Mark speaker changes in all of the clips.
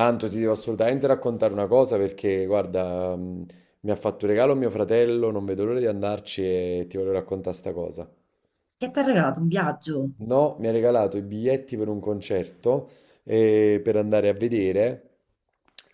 Speaker 1: Anto, ti devo assolutamente raccontare una cosa perché, guarda, mi ha fatto un regalo mio fratello, non vedo l'ora di andarci e ti voglio raccontare sta cosa.
Speaker 2: Che ti ha regalato un viaggio?
Speaker 1: No, mi ha regalato i biglietti per un concerto per andare a vedere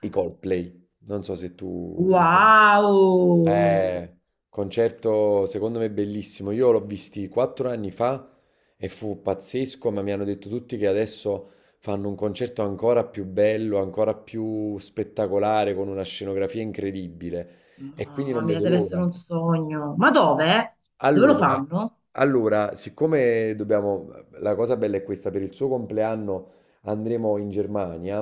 Speaker 1: i Coldplay. Non so se tu li conosci.
Speaker 2: Wow!
Speaker 1: Eh, Concerto secondo me bellissimo. Io l'ho visti quattro anni fa e fu pazzesco, ma mi hanno detto tutti che adesso fanno un concerto ancora più bello, ancora più spettacolare, con una scenografia incredibile. E quindi
Speaker 2: Mamma
Speaker 1: non
Speaker 2: mia,
Speaker 1: vedo
Speaker 2: deve essere
Speaker 1: l'ora.
Speaker 2: un sogno. Ma dove? Dove lo
Speaker 1: Allora,
Speaker 2: fanno?
Speaker 1: siccome dobbiamo, la cosa bella è questa, per il suo compleanno andremo in Germania,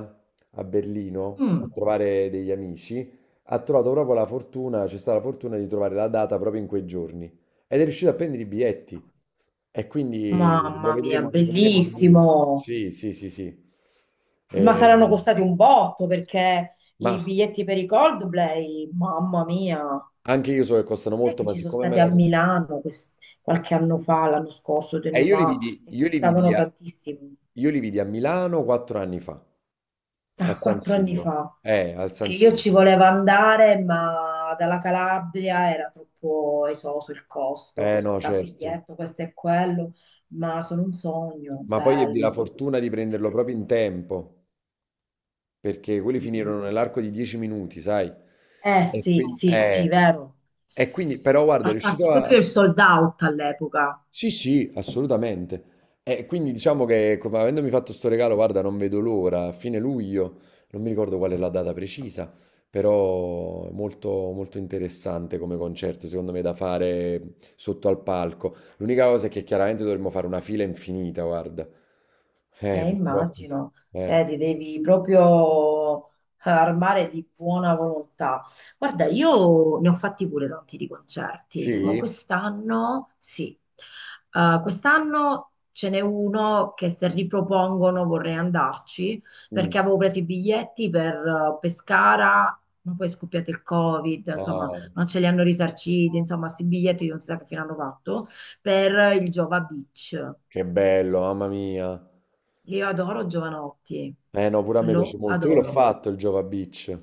Speaker 1: a Berlino, a
Speaker 2: Mm.
Speaker 1: trovare degli amici, ha trovato proprio la fortuna, c'è stata la fortuna di trovare la data proprio in quei giorni ed è riuscito a prendere i biglietti e quindi
Speaker 2: Mamma mia,
Speaker 1: li vedremo lì.
Speaker 2: bellissimo!
Speaker 1: Sì, sì, sì, sì.
Speaker 2: Ma saranno
Speaker 1: Eh,
Speaker 2: costati un botto perché
Speaker 1: ma
Speaker 2: i biglietti per i Coldplay, mamma mia, non
Speaker 1: anche io so che costano
Speaker 2: è
Speaker 1: molto,
Speaker 2: che
Speaker 1: ma
Speaker 2: ci sono
Speaker 1: siccome me
Speaker 2: stati a
Speaker 1: la...
Speaker 2: Milano qualche anno fa, l'anno scorso, due
Speaker 1: E
Speaker 2: anni fa, e costavano tantissimo.
Speaker 1: io li vidi a Milano quattro anni fa. A
Speaker 2: Ah,
Speaker 1: San
Speaker 2: quattro anni
Speaker 1: Siro.
Speaker 2: fa.
Speaker 1: Al
Speaker 2: Che
Speaker 1: San
Speaker 2: io ci
Speaker 1: Siro.
Speaker 2: volevo andare, ma dalla Calabria era troppo esoso il costo,
Speaker 1: Eh no,
Speaker 2: tra
Speaker 1: certo.
Speaker 2: biglietto, questo e quello, ma sono un sogno,
Speaker 1: Ma poi ebbi la
Speaker 2: bello.
Speaker 1: fortuna di prenderlo proprio in tempo, perché quelli
Speaker 2: Mm.
Speaker 1: finirono nell'arco di 10 minuti, sai?
Speaker 2: Eh
Speaker 1: E
Speaker 2: sì,
Speaker 1: quindi,
Speaker 2: sì, sì,
Speaker 1: eh,
Speaker 2: vero.
Speaker 1: e quindi però guarda, è
Speaker 2: Ha
Speaker 1: riuscito
Speaker 2: fatto
Speaker 1: a...
Speaker 2: proprio il sold out all'epoca.
Speaker 1: Sì, sì, assolutamente. E quindi diciamo che, come avendomi fatto sto regalo, guarda, non vedo l'ora, a fine luglio, non mi ricordo qual è la data precisa, però è molto, molto interessante come concerto, secondo me, da fare sotto al palco. L'unica cosa è che chiaramente dovremmo fare una fila infinita, guarda. Purtroppo, sì.
Speaker 2: Immagino,
Speaker 1: Eh.
Speaker 2: te ti devi proprio armare di buona volontà. Guarda, io ne ho fatti pure tanti di concerti, ma
Speaker 1: Sì?
Speaker 2: quest'anno sì. Quest'anno ce n'è uno che se ripropongono vorrei andarci
Speaker 1: Mm.
Speaker 2: perché avevo preso i biglietti per Pescara, ma poi è scoppiato il Covid, insomma,
Speaker 1: Ah,
Speaker 2: non ce li hanno risarciti, insomma, questi biglietti non si sa che fine hanno fatto, per il Giova Beach.
Speaker 1: che bello, mamma mia.
Speaker 2: Io adoro Giovanotti,
Speaker 1: Eh no, pure a me piace
Speaker 2: lo
Speaker 1: molto. Io l'ho
Speaker 2: adoro.
Speaker 1: fatto il Jova Beach.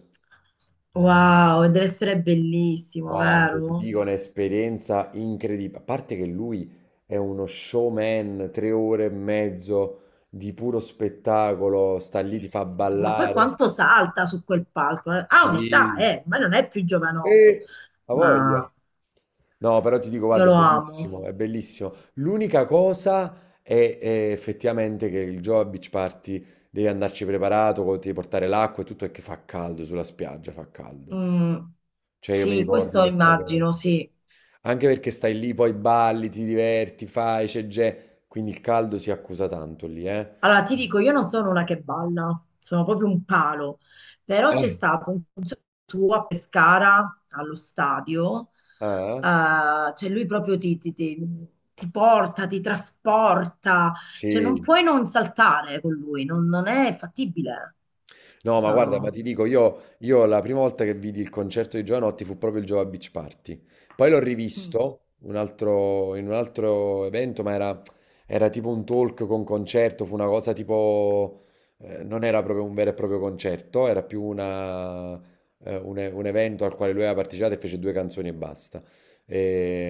Speaker 2: Wow, deve essere bellissimo,
Speaker 1: Guarda, ti
Speaker 2: vero?
Speaker 1: dico un'esperienza incredibile. A parte che lui è uno showman, tre ore e mezzo di puro spettacolo, sta lì, ti
Speaker 2: Sì,
Speaker 1: fa
Speaker 2: sì. Ma poi
Speaker 1: ballare.
Speaker 2: quanto salta su quel palco? Eh. Ha un'età,
Speaker 1: Sì,
Speaker 2: ma non è più giovanotto,
Speaker 1: e ha voglia.
Speaker 2: ma
Speaker 1: No, però ti dico,
Speaker 2: io
Speaker 1: guarda, è
Speaker 2: lo amo.
Speaker 1: bellissimo, è bellissimo. L'unica cosa è effettivamente che il Joe a Beach Party devi andarci preparato, ti devi portare l'acqua e tutto, è che fa caldo sulla spiaggia, fa caldo.
Speaker 2: Mm,
Speaker 1: Cioè, io mi
Speaker 2: sì,
Speaker 1: ricordo
Speaker 2: questo
Speaker 1: questa cosa.
Speaker 2: immagino, sì.
Speaker 1: Anche perché stai lì, poi balli, ti diverti, fai, c'è gente. Quindi il caldo si accusa tanto lì, eh?
Speaker 2: Allora, ti dico, io non sono una che balla, sono proprio un palo, però c'è
Speaker 1: Eh,
Speaker 2: stato un concerto suo a Pescara, allo stadio,
Speaker 1: Ah, eh?
Speaker 2: cioè lui proprio ti porta, ti trasporta, cioè non
Speaker 1: Sì.
Speaker 2: puoi non saltare con lui, non, non è fattibile,
Speaker 1: No, ma guarda, ma
Speaker 2: no.
Speaker 1: ti dico, io la prima volta che vidi il concerto di Giovanotti fu proprio il Jova Beach Party. Poi l'ho
Speaker 2: Mm,
Speaker 1: rivisto un altro- in un altro evento, ma era tipo un talk con concerto, fu una cosa tipo... non era proprio un vero e proprio concerto, un evento al quale lui aveva partecipato e fece due canzoni e basta.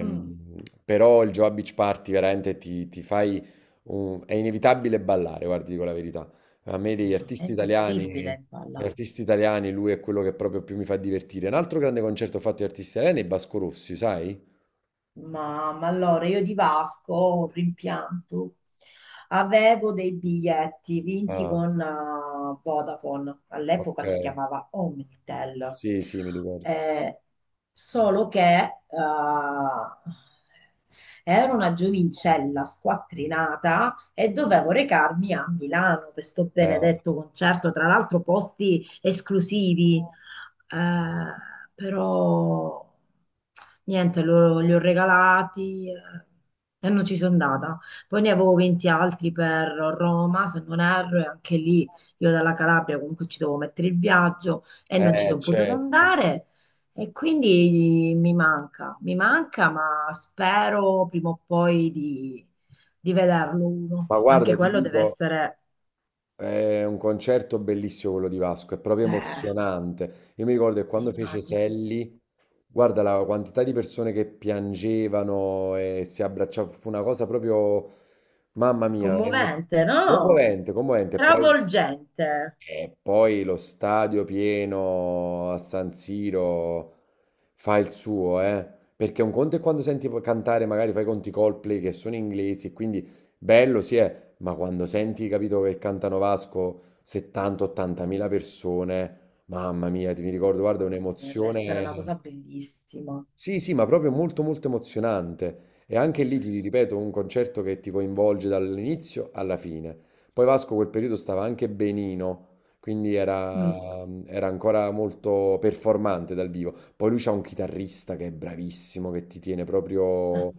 Speaker 2: mm,
Speaker 1: Però il Jova Beach Party veramente ti fai... è inevitabile ballare, guardi, dico la verità. A me degli
Speaker 2: no, è
Speaker 1: artisti italiani
Speaker 2: impossibile
Speaker 1: Gli
Speaker 2: balla.
Speaker 1: artisti italiani, lui è quello che proprio più mi fa divertire. Un altro grande concerto fatto di artisti italiani è Vasco Rossi, sai?
Speaker 2: Ma allora io di Vasco ho un rimpianto. Avevo dei biglietti vinti
Speaker 1: Ah,
Speaker 2: con Vodafone,
Speaker 1: ok.
Speaker 2: all'epoca si chiamava Omnitel.
Speaker 1: Sì, sì, mi ricordo.
Speaker 2: Eh, Solo che ero una giovincella squattrinata e dovevo recarmi a Milano per sto
Speaker 1: Eh,
Speaker 2: benedetto concerto, tra l'altro posti esclusivi. Eh, però niente, li ho regalati e non ci sono andata. Poi ne avevo 20 altri per Roma, se non erro, e anche lì io dalla Calabria comunque ci devo mettere il viaggio e non ci sono potuta
Speaker 1: certo.
Speaker 2: andare. E quindi mi manca, ma spero prima o poi di vederlo uno.
Speaker 1: Ma guarda,
Speaker 2: Anche
Speaker 1: ti
Speaker 2: quello deve
Speaker 1: dico,
Speaker 2: essere,
Speaker 1: è un concerto bellissimo quello di Vasco, è proprio
Speaker 2: eh,
Speaker 1: emozionante. Io mi ricordo che quando fece
Speaker 2: immagino.
Speaker 1: Selli, guarda la quantità di persone che piangevano e si abbracciavano, fu una cosa proprio, mamma mia,
Speaker 2: Commovente, no?
Speaker 1: commovente, commovente.
Speaker 2: Travolgente.
Speaker 1: E poi lo stadio pieno a San Siro fa il suo, eh. Perché un conto è quando senti cantare, magari fai conti Coldplay che sono inglesi, e quindi bello sì è, ma quando senti, capito, che cantano Vasco 70-80
Speaker 2: Mm,
Speaker 1: mila persone, mamma mia, ti mi ricordo, guarda, è
Speaker 2: mamma mia, deve essere una
Speaker 1: un'emozione.
Speaker 2: cosa bellissima.
Speaker 1: Sì, sì, ma proprio molto molto emozionante. E anche lì ti ripeto, un concerto che ti coinvolge dall'inizio alla fine. Poi Vasco quel periodo stava anche benino, quindi
Speaker 2: Mm.
Speaker 1: era ancora molto performante dal vivo. Poi lui c'ha un chitarrista che è bravissimo, che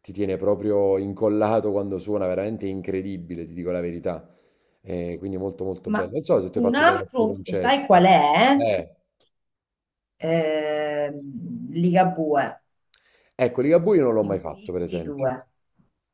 Speaker 1: ti tiene proprio incollato quando suona, veramente incredibile, ti dico la verità. Quindi molto molto
Speaker 2: Ma
Speaker 1: bello. Non so se tu hai
Speaker 2: un
Speaker 1: fatto poi altri
Speaker 2: altro, sai
Speaker 1: concerti.
Speaker 2: qual è?
Speaker 1: Eh.
Speaker 2: Ligabue.
Speaker 1: Ecco, Ligabue io non l'ho
Speaker 2: Ne
Speaker 1: mai
Speaker 2: ho
Speaker 1: fatto, per
Speaker 2: visti
Speaker 1: esempio.
Speaker 2: due,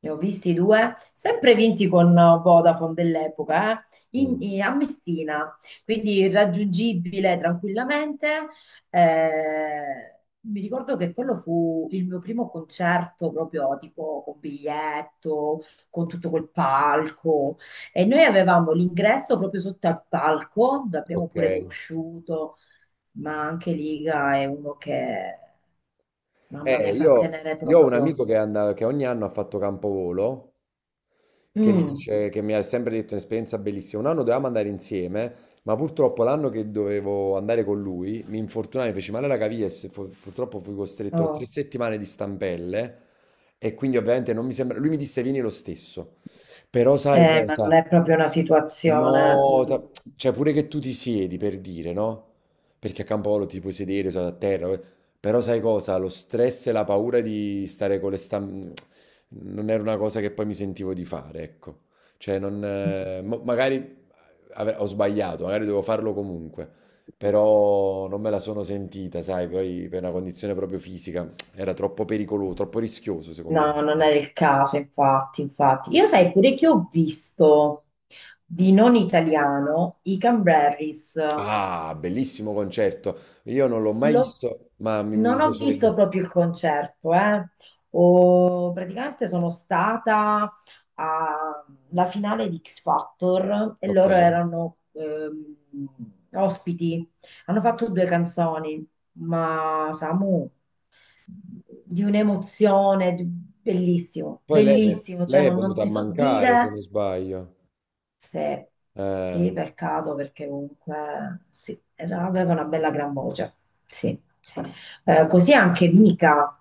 Speaker 2: ne ho visti due, sempre vinti con Vodafone dell'epoca,
Speaker 1: Mm.
Speaker 2: a Messina, quindi raggiungibile tranquillamente. Eh, mi ricordo che quello fu il mio primo concerto proprio tipo con biglietto, con tutto quel palco e noi avevamo l'ingresso proprio sotto al palco, l'abbiamo
Speaker 1: Ok.
Speaker 2: pure conosciuto, ma anche Liga è uno che... Mamma mia, sa tenere
Speaker 1: Io ho un
Speaker 2: proprio.
Speaker 1: amico che, che ogni anno ha fatto campovolo,
Speaker 2: Mm,
Speaker 1: che mi ha sempre detto un'esperienza bellissima. Un anno dovevamo andare insieme, ma purtroppo l'anno che dovevo andare con lui mi infortunai, mi feci male alla caviglia e purtroppo fui costretto a tre
Speaker 2: oh.
Speaker 1: settimane di stampelle e quindi ovviamente non mi sembra... Lui mi disse vieni lo stesso, però sai
Speaker 2: Ma
Speaker 1: cosa?
Speaker 2: non è proprio una situazione.
Speaker 1: No, ta- Cioè pure che tu ti siedi per dire, no? Perché a Campolo ti puoi sedere, sono a terra, eh. Però sai cosa? Lo stress e la paura di stare con le stampe non era una cosa che poi mi sentivo di fare, ecco. Cioè non, mo- Magari ho sbagliato, magari dovevo farlo comunque, però non me la sono sentita, sai, poi per una condizione proprio fisica era troppo pericoloso, troppo rischioso secondo me.
Speaker 2: No, non è il caso, infatti, infatti. Io sai pure che ho visto di non italiano i Cranberries.
Speaker 1: Ah, bellissimo concerto. Io non l'ho mai
Speaker 2: L'ho-
Speaker 1: visto, ma mi
Speaker 2: non ho visto
Speaker 1: piacerebbe.
Speaker 2: proprio il concerto, eh. Praticamente sono stata alla finale di X Factor e
Speaker 1: Ok.
Speaker 2: loro erano ospiti. Hanno fatto due canzoni, ma Samu, di un'emozione, bellissimo,
Speaker 1: Poi
Speaker 2: bellissimo, cioè
Speaker 1: lei è
Speaker 2: non, non
Speaker 1: venuta a
Speaker 2: ti so
Speaker 1: mancare, se non
Speaker 2: dire
Speaker 1: sbaglio.
Speaker 2: se, sì,
Speaker 1: Eh,
Speaker 2: peccato perché comunque sì, aveva una bella gran voce. Sì. Così anche Mika.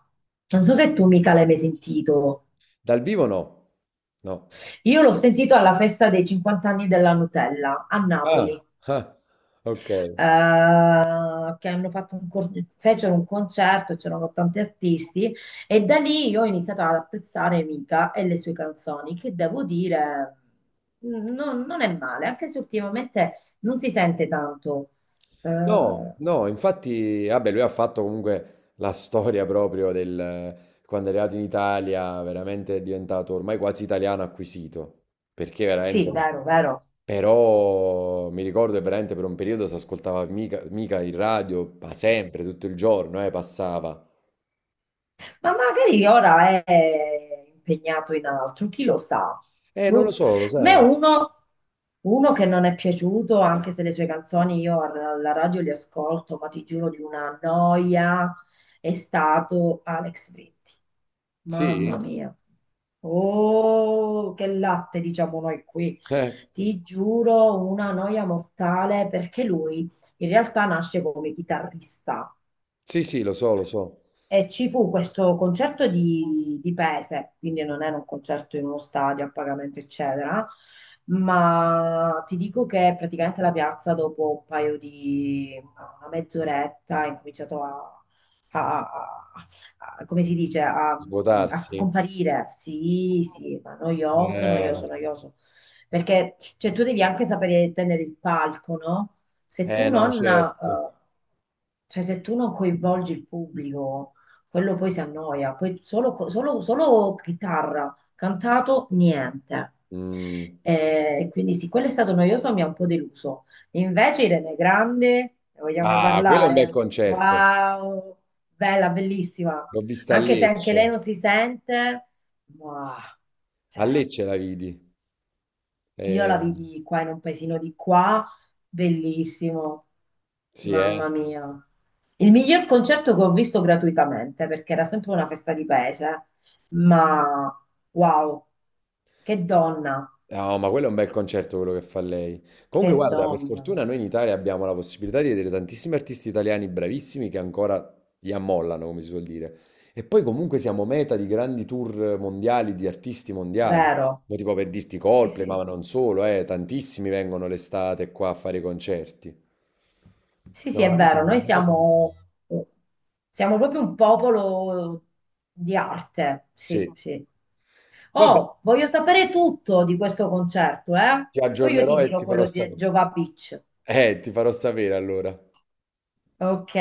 Speaker 2: Non so se tu Mika l'hai mai sentito.
Speaker 1: dal vivo no. No.
Speaker 2: Io l'ho sentito alla festa dei 50 anni della Nutella a
Speaker 1: Ah,
Speaker 2: Napoli.
Speaker 1: ah, ok.
Speaker 2: Che hanno fatto un fecero un concerto, c'erano tanti artisti e da lì io ho iniziato ad apprezzare Mika e le sue canzoni, che devo dire non, non è male, anche se ultimamente non si sente tanto.
Speaker 1: No,
Speaker 2: Eh,
Speaker 1: no, infatti, vabbè, lui ha fatto comunque la storia proprio del quando è arrivato in Italia, veramente è diventato ormai quasi italiano acquisito, perché veramente
Speaker 2: sì,
Speaker 1: no.
Speaker 2: vero, vero.
Speaker 1: Però mi ricordo che veramente per un periodo si ascoltava mica, mica il radio, ma sempre, tutto il giorno, passava.
Speaker 2: Ma magari ora è impegnato in altro, chi lo sa.
Speaker 1: Non lo
Speaker 2: Boh.
Speaker 1: so, lo
Speaker 2: A me
Speaker 1: sai.
Speaker 2: uno, uno che non è piaciuto, anche se le sue canzoni io alla radio le ascolto, ma ti giuro di una noia, è stato Alex Britti. Mamma
Speaker 1: Sì?
Speaker 2: mia. Oh, che latte, diciamo noi qui.
Speaker 1: Eh,
Speaker 2: Ti giuro, una noia mortale perché lui in realtà nasce come chitarrista.
Speaker 1: sì, sì, lo so, lo so.
Speaker 2: E ci fu questo concerto di Pese, quindi non era un concerto in uno stadio a pagamento, eccetera, ma ti dico che praticamente la piazza dopo un paio di una mezz'oretta ha incominciato a, a- a- come si dice, a, a
Speaker 1: Svuotarsi?
Speaker 2: scomparire. Sì, sì, ma noioso,
Speaker 1: Eh,
Speaker 2: noioso, noioso. Perché cioè, tu devi anche sapere tenere il palco, no? Se tu
Speaker 1: no,
Speaker 2: non,
Speaker 1: certo.
Speaker 2: cioè se tu non coinvolgi il pubblico, quello poi si annoia, poi solo, solo chitarra, cantato, niente.
Speaker 1: Mm.
Speaker 2: E quindi sì, quello è stato noioso, mi ha un po' deluso. Invece Irene Grande, ne vogliamo
Speaker 1: Ah, quello è un bel
Speaker 2: parlare?
Speaker 1: concerto.
Speaker 2: Wow, bella, bellissima.
Speaker 1: L'ho vista a
Speaker 2: Anche se anche
Speaker 1: Lecce.
Speaker 2: lei non si sente, ma
Speaker 1: A
Speaker 2: c'era.
Speaker 1: Lecce la vidi.
Speaker 2: Io la
Speaker 1: Eh,
Speaker 2: vidi qua in un paesino di qua, bellissimo,
Speaker 1: sì, eh.
Speaker 2: mamma mia. Il miglior concerto che ho visto gratuitamente, perché era sempre una festa di paese, ma wow, che donna,
Speaker 1: No, ma quello è un bel concerto quello che fa lei. Comunque,
Speaker 2: che
Speaker 1: guarda, per
Speaker 2: donna,
Speaker 1: fortuna noi in Italia abbiamo la possibilità di vedere tantissimi artisti italiani bravissimi che ancora li ammollano, come si suol dire. E poi comunque siamo meta di grandi tour mondiali, di artisti mondiali.
Speaker 2: vero?
Speaker 1: No, tipo per dirti
Speaker 2: Sì,
Speaker 1: Coldplay, ma
Speaker 2: sì,
Speaker 1: non solo, tantissimi vengono l'estate qua a fare i concerti.
Speaker 2: sì, sì, è vero,
Speaker 1: Una cosa molto-
Speaker 2: siamo proprio un popolo di arte,
Speaker 1: sì.
Speaker 2: sì, sì.
Speaker 1: Vabbè,
Speaker 2: Oh, voglio sapere tutto di questo concerto, eh?
Speaker 1: ti
Speaker 2: Poi io ti
Speaker 1: aggiornerò e
Speaker 2: dirò
Speaker 1: ti farò
Speaker 2: quello di
Speaker 1: sapere.
Speaker 2: Giova Beach.
Speaker 1: Ti farò sapere allora.
Speaker 2: Ok.